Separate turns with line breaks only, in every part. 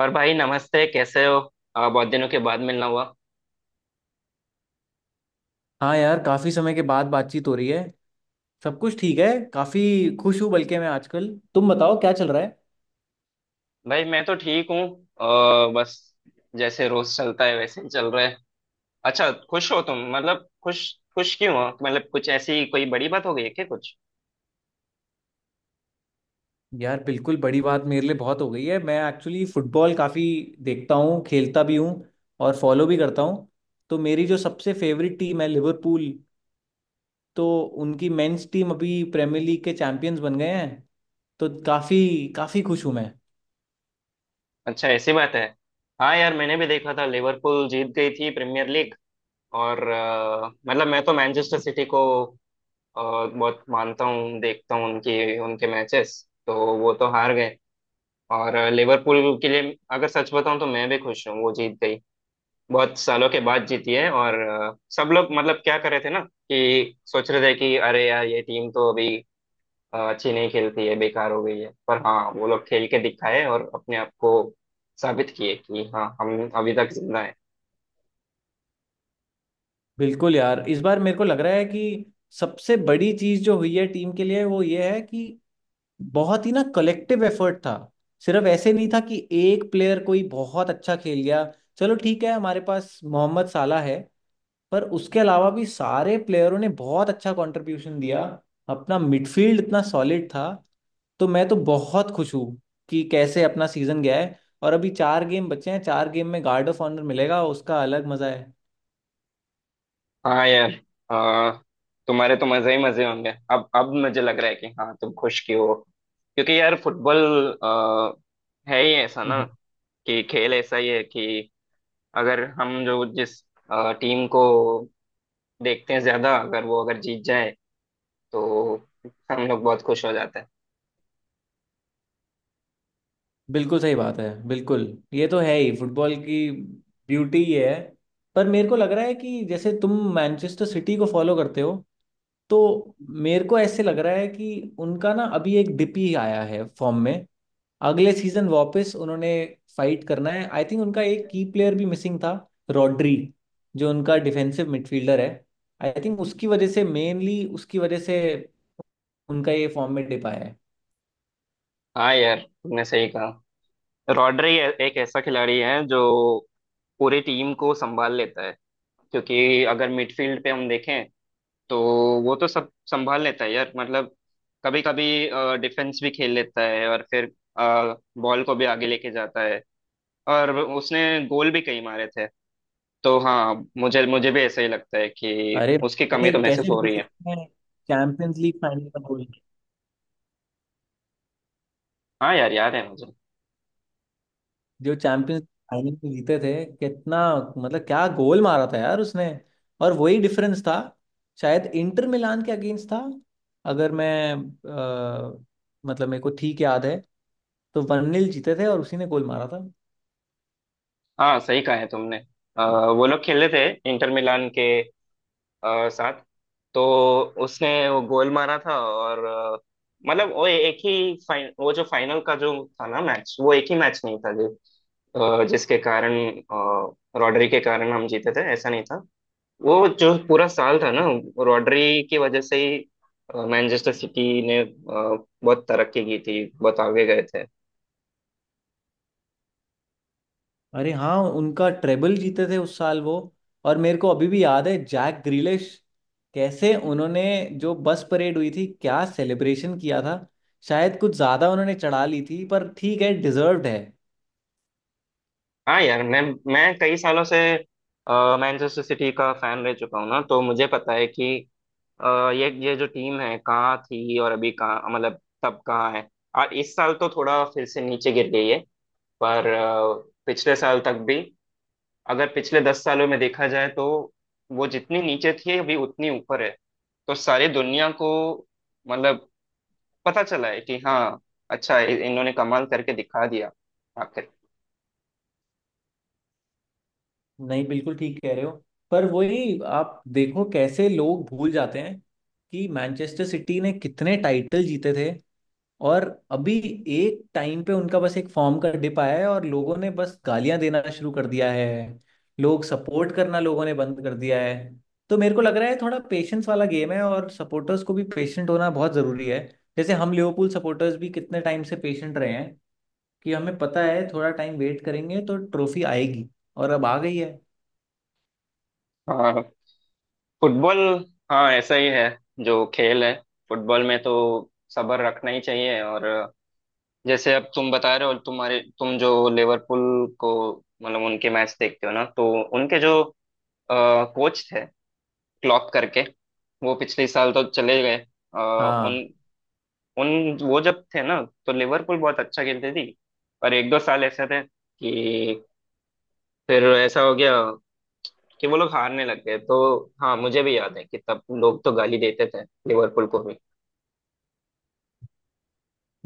और भाई, नमस्ते। कैसे हो? बहुत दिनों के बाद मिलना हुआ।
हाँ यार, काफी समय के बाद बातचीत हो रही है। सब कुछ ठीक है। काफी खुश हूँ, बल्कि मैं आजकल। तुम बताओ क्या चल रहा है।
भाई, मैं तो ठीक हूँ। बस जैसे रोज चलता है वैसे ही चल रहा है। अच्छा, खुश हो तुम? मतलब खुश? खुश क्यों हो? मतलब कुछ ऐसी कोई बड़ी बात हो गई है क्या कुछ?
यार बिल्कुल, बड़ी बात मेरे लिए बहुत हो गई है। मैं एक्चुअली फुटबॉल काफी देखता हूँ, खेलता भी हूँ और फॉलो भी करता हूँ। तो मेरी जो सबसे फेवरेट टीम है लिवरपूल, तो उनकी मेंस टीम अभी प्रीमियर लीग के चैंपियंस बन गए हैं। तो काफी काफी खुश हूँ मैं।
अच्छा, ऐसी बात है। हाँ यार, मैंने भी देखा था, लिवरपूल जीत गई थी प्रीमियर लीग। और मतलब मैं तो मैनचेस्टर सिटी को बहुत मानता हूँ, देखता हूँ उनकी उनके मैचेस, तो वो तो हार गए। और लिवरपूल के लिए अगर सच बताऊं तो मैं भी खुश हूँ वो जीत गई। बहुत सालों के बाद जीती है। और सब लोग, मतलब क्या कर रहे थे ना, कि सोच रहे थे कि अरे यार ये टीम तो अभी अच्छी नहीं खेलती है, बेकार हो गई है। पर हाँ, वो लोग खेल के दिखाए और अपने आप को साबित किए कि हाँ, हम अभी तक जिंदा है।
बिल्कुल यार, इस बार मेरे को लग रहा है कि सबसे बड़ी चीज जो हुई है टीम के लिए वो ये है कि बहुत ही ना कलेक्टिव एफर्ट था। सिर्फ ऐसे नहीं था कि एक प्लेयर कोई बहुत अच्छा खेल गया। चलो ठीक है, हमारे पास मोहम्मद साला है, पर उसके अलावा भी सारे प्लेयरों ने बहुत अच्छा कंट्रीब्यूशन दिया। अपना मिडफील्ड इतना सॉलिड था। तो मैं तो बहुत खुश हूँ कि कैसे अपना सीजन गया है। और अभी चार गेम बचे हैं, चार गेम में गार्ड ऑफ ऑनर मिलेगा, उसका अलग मजा है।
हाँ यार। अ, तुम्हारे तो मजे ही मजे होंगे। अब मुझे लग रहा है कि हाँ, तुम खुश की हो। क्योंकि यार फुटबॉल है ही ऐसा ना, कि खेल ऐसा ही है कि अगर हम जो जिस टीम को देखते हैं ज्यादा, अगर वो अगर जीत जाए तो हम लोग बहुत खुश हो जाते हैं।
बिल्कुल सही बात है, बिल्कुल। ये तो है ही, फुटबॉल की ब्यूटी ये है। पर मेरे को लग रहा है कि जैसे तुम मैनचेस्टर सिटी को फॉलो करते हो, तो मेरे को ऐसे लग रहा है कि उनका ना अभी एक डिप ही आया है फॉर्म में। अगले सीजन वापस उन्होंने फाइट करना है। आई थिंक उनका एक की प्लेयर भी मिसिंग था, रॉड्री, जो उनका डिफेंसिव मिडफील्डर है। आई थिंक उसकी वजह से मेनली, उसकी वजह से उनका ये फॉर्म में डिप आया है।
हाँ यार, तुमने सही कहा। रॉड्री एक ऐसा खिलाड़ी है जो पूरी टीम को संभाल लेता है। क्योंकि अगर मिडफील्ड पे हम देखें तो वो तो सब संभाल लेता है यार। मतलब कभी कभी डिफेंस भी खेल लेता है, और फिर बॉल को भी आगे लेके जाता है। और उसने गोल भी कई मारे थे। तो हाँ, मुझे मुझे भी ऐसा ही लगता है कि
अरे
उसकी कमी तो
फिर
महसूस
कैसे
हो
भूल
रही है।
सकते हैं चैंपियंस लीग फाइनल का गोल।
हाँ यार, याद है मुझे।
जो चैंपियंस फाइनल में जीते थे, कितना मतलब क्या गोल मारा था यार उसने। और वही डिफरेंस था। शायद इंटर मिलान के अगेंस्ट था। अगर मैं अ, मतलब मेरे को ठीक याद है, तो वन जीते थे और उसी ने गोल मारा था।
हाँ, सही कहा है तुमने। अ, वो लोग खेले थे इंटर मिलान के साथ। तो उसने वो गोल मारा था। और मतलब वो जो फाइनल का जो था ना मैच, वो एक ही मैच नहीं था जो जिसके कारण, अ, रॉड्री के कारण हम जीते थे ऐसा नहीं था। वो जो पूरा साल था ना, रॉड्री की वजह से ही मैनचेस्टर सिटी ने बहुत तरक्की की थी, बहुत आगे गए थे।
अरे हाँ, उनका ट्रेबल जीते थे उस साल वो। और मेरे को अभी भी याद है जैक ग्रिलिश, कैसे उन्होंने, जो बस परेड हुई थी, क्या सेलिब्रेशन किया था। शायद कुछ ज्यादा उन्होंने चढ़ा ली थी, पर ठीक है, डिजर्व्ड है।
हाँ यार। मैं कई सालों से मैनचेस्टर सिटी का फैन रह चुका हूँ ना, तो मुझे पता है कि अ, ये जो टीम है कहाँ थी, और अभी कहाँ, मतलब तब कहाँ है। और इस साल तो थोड़ा फिर से नीचे गिर गई है। पर पिछले साल तक भी, अगर पिछले 10 सालों में देखा जाए, तो वो जितनी नीचे थी अभी उतनी ऊपर है। तो सारी दुनिया को, मतलब, पता चला है कि हाँ, अच्छा, इन्होंने कमाल करके दिखा दिया आखिर।
नहीं, बिल्कुल ठीक कह रहे हो। पर वही, आप देखो कैसे लोग भूल जाते हैं कि मैनचेस्टर सिटी ने कितने टाइटल जीते थे। और अभी एक टाइम पे उनका बस एक फॉर्म का डिप आया है और लोगों ने बस गालियां देना शुरू कर दिया है। लोग सपोर्ट करना, लोगों ने बंद कर दिया है। तो मेरे को लग रहा है थोड़ा पेशेंस वाला गेम है और सपोर्टर्स को भी पेशेंट होना बहुत ज़रूरी है। जैसे हम लिवरपूल सपोर्टर्स भी कितने टाइम से पेशेंट रहे हैं कि हमें पता है थोड़ा टाइम वेट करेंगे तो ट्रॉफी आएगी, और अब आ गई है।
हाँ, फुटबॉल। हाँ, ऐसा ही है। जो खेल है फुटबॉल में, तो सब्र रखना ही चाहिए। और जैसे अब तुम बता रहे हो, तुम जो लिवरपूल को, मतलब उनके मैच देखते हो ना, तो उनके जो कोच थे, क्लॉप करके, वो पिछले साल तो चले गए। अ,
हाँ
उन उन वो जब थे ना, तो लिवरपूल बहुत अच्छा खेलते थी। पर एक दो साल ऐसे थे कि फिर ऐसा हो गया कि वो लोग हारने लग गए। तो हाँ, मुझे भी याद है कि तब लोग तो गाली देते थे लिवरपूल को।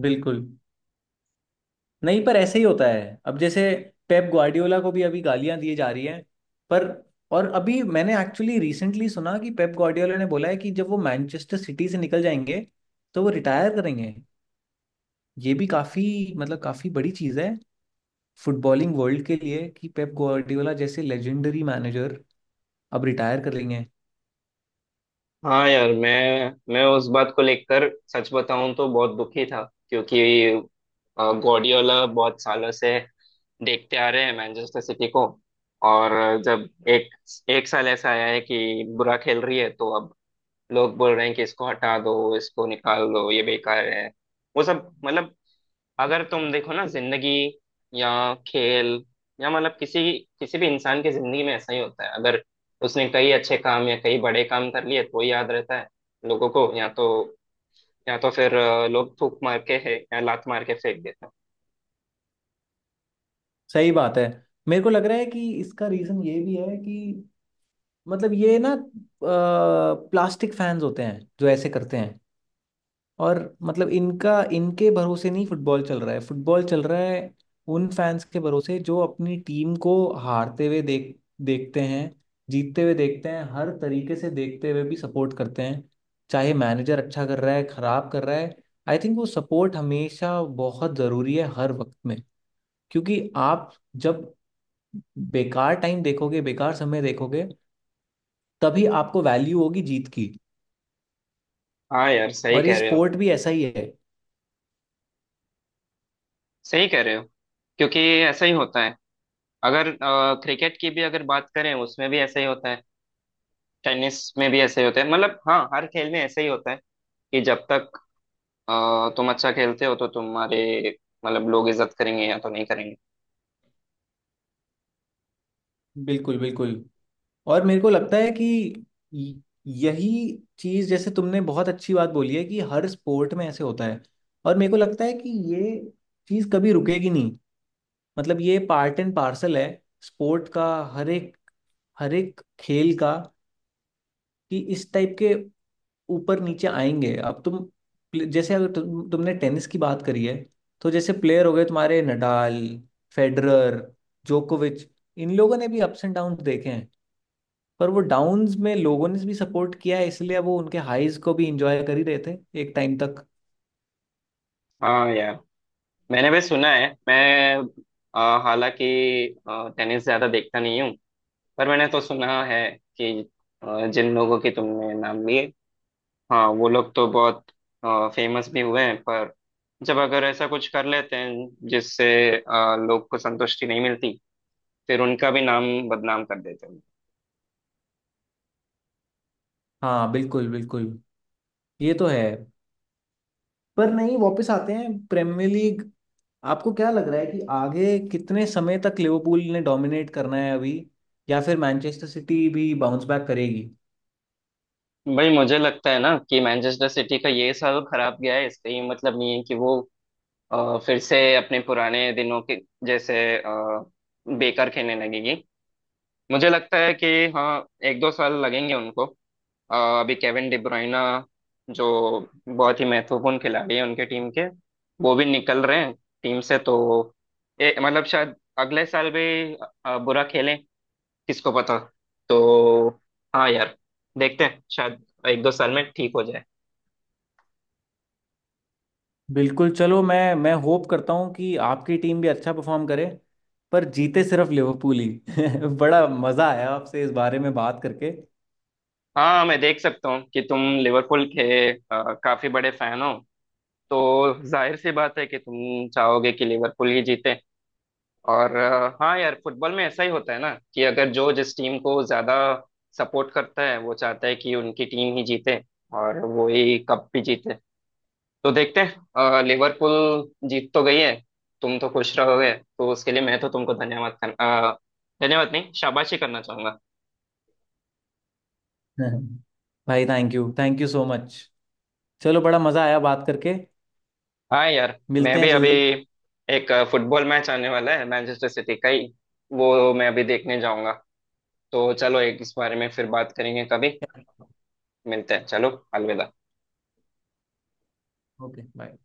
बिल्कुल। नहीं, पर ऐसे ही होता है। अब जैसे पेप ग्वार्डियोला को भी अभी गालियां दी जा रही हैं। पर और अभी मैंने एक्चुअली रिसेंटली सुना कि पेप ग्वार्डियोला ने बोला है कि जब वो मैनचेस्टर सिटी से निकल जाएंगे तो वो रिटायर करेंगे। ये भी काफी मतलब, काफी बड़ी चीज है फुटबॉलिंग वर्ल्ड के लिए, कि पेप ग्वार्डियोला जैसे लेजेंडरी मैनेजर अब रिटायर कर लेंगे।
हाँ यार। मैं उस बात को लेकर, सच बताऊं तो, बहुत दुखी था। क्योंकि गॉर्डियोला बहुत सालों से देखते आ रहे हैं मैनचेस्टर सिटी को। और जब एक एक साल ऐसा आया है कि बुरा खेल रही है, तो अब लोग बोल रहे हैं कि इसको हटा दो, इसको निकाल दो, ये बेकार है। वो सब, मतलब, अगर तुम देखो ना, जिंदगी या खेल, या मतलब किसी किसी भी इंसान की जिंदगी में ऐसा ही होता है। अगर उसने कई अच्छे काम या कई बड़े काम कर लिए, तो ही याद रहता है लोगों को। या तो फिर लोग थूक मार के है, या लात मार के फेंक देते हैं।
सही बात है। मेरे को लग रहा है कि इसका रीजन ये भी है कि, मतलब ये ना, प्लास्टिक फैंस होते हैं जो ऐसे करते हैं। और मतलब इनका इनके भरोसे नहीं, फुटबॉल चल रहा है। फुटबॉल चल रहा है उन फैंस के भरोसे जो अपनी टीम को हारते हुए देखते हैं, जीतते हुए देखते हैं, हर तरीके से देखते हुए भी सपोर्ट करते हैं। चाहे मैनेजर अच्छा कर रहा है खराब कर रहा है, आई थिंक वो सपोर्ट हमेशा बहुत ज़रूरी है, हर वक्त में। क्योंकि आप जब बेकार टाइम देखोगे, बेकार समय देखोगे, तभी आपको वैल्यू होगी जीत की।
हाँ यार, सही
और ये
कह रहे हो।
स्पोर्ट भी ऐसा ही है।
सही कह रहे हो। क्योंकि ऐसा ही होता है। अगर क्रिकेट की भी अगर बात करें, उसमें भी ऐसा ही होता है। टेनिस में भी ऐसा ही होता है। मतलब हाँ, हर खेल में ऐसा ही होता है। कि जब तक तुम अच्छा खेलते हो, तो तुम्हारे, मतलब, लोग इज्जत करेंगे, या तो नहीं करेंगे।
बिल्कुल बिल्कुल। और मेरे को लगता है कि यही चीज, जैसे तुमने बहुत अच्छी बात बोली है कि हर स्पोर्ट में ऐसे होता है। और मेरे को लगता है कि ये चीज कभी रुकेगी नहीं। मतलब ये पार्ट एंड पार्सल है स्पोर्ट का, हर एक हर एक खेल का, कि इस टाइप के ऊपर नीचे आएंगे। अब तुम जैसे, अगर तुमने टेनिस की बात करी है, तो जैसे प्लेयर हो गए तुम्हारे नडाल, फेडरर, जोकोविच। इन लोगों ने भी अप्स एंड डाउन देखे हैं। पर वो डाउन्स में लोगों ने भी सपोर्ट किया है, इसलिए वो उनके हाईज को भी इंजॉय कर ही रहे थे, एक टाइम तक।
हाँ यार, मैंने भी सुना है। मैं हालांकि टेनिस ज्यादा देखता नहीं हूँ, पर मैंने तो सुना है कि जिन लोगों के तुमने नाम लिए, हाँ वो लोग तो बहुत फेमस भी हुए हैं। पर जब अगर ऐसा कुछ कर लेते हैं जिससे लोग को संतुष्टि नहीं मिलती, फिर उनका भी नाम बदनाम कर देते हैं।
हाँ बिल्कुल बिल्कुल। ये तो है। पर नहीं, वापस आते हैं प्रीमियर लीग। आपको क्या लग रहा है कि आगे कितने समय तक लिवरपूल ने डोमिनेट करना है अभी, या फिर मैनचेस्टर सिटी भी बाउंस बैक करेगी?
भाई, मुझे लगता है ना कि मैनचेस्टर सिटी का ये साल खराब गया है। इसका ये मतलब नहीं है कि वो फिर से अपने पुराने दिनों के जैसे बेकार खेलने लगेगी। मुझे लगता है कि हाँ, एक दो साल लगेंगे उनको। अभी केविन डिब्रोइना जो बहुत ही महत्वपूर्ण खिलाड़ी है उनके टीम के, वो भी निकल रहे हैं टीम से। तो मतलब शायद अगले साल भी बुरा खेलें, किसको पता। तो हाँ यार, देखते हैं, शायद एक दो साल में ठीक हो जाए।
बिल्कुल। चलो, मैं होप करता हूँ कि आपकी टीम भी अच्छा परफॉर्म करे, पर जीते सिर्फ लिवरपूल ही। बड़ा मज़ा आया आपसे इस बारे में बात करके।
हाँ, मैं देख सकता हूँ कि तुम लिवरपूल के काफी बड़े फैन हो, तो जाहिर सी बात है कि तुम चाहोगे कि लिवरपूल ही जीते। और हाँ यार, फुटबॉल में ऐसा ही होता है ना, कि अगर जो जिस टीम को ज्यादा सपोर्ट करता है, वो चाहता है कि उनकी टीम ही जीते, और वो ही कप भी जीते। तो देखते हैं, लिवरपूल जीत तो गई है, तुम तो खुश रहोगे। तो उसके लिए मैं तो तुमको धन्यवाद नहीं, शाबाशी करना चाहूंगा।
भाई थैंक यू सो मच। चलो, बड़ा मजा आया बात करके।
हाँ यार, मैं
मिलते हैं
भी अभी,
जल्दी।
एक फुटबॉल मैच आने वाला है मैनचेस्टर सिटी का ही, वो मैं अभी देखने जाऊंगा। तो चलो, एक इस बारे में फिर बात करेंगे कभी। मिलते हैं, चलो। अलविदा।
Okay bye.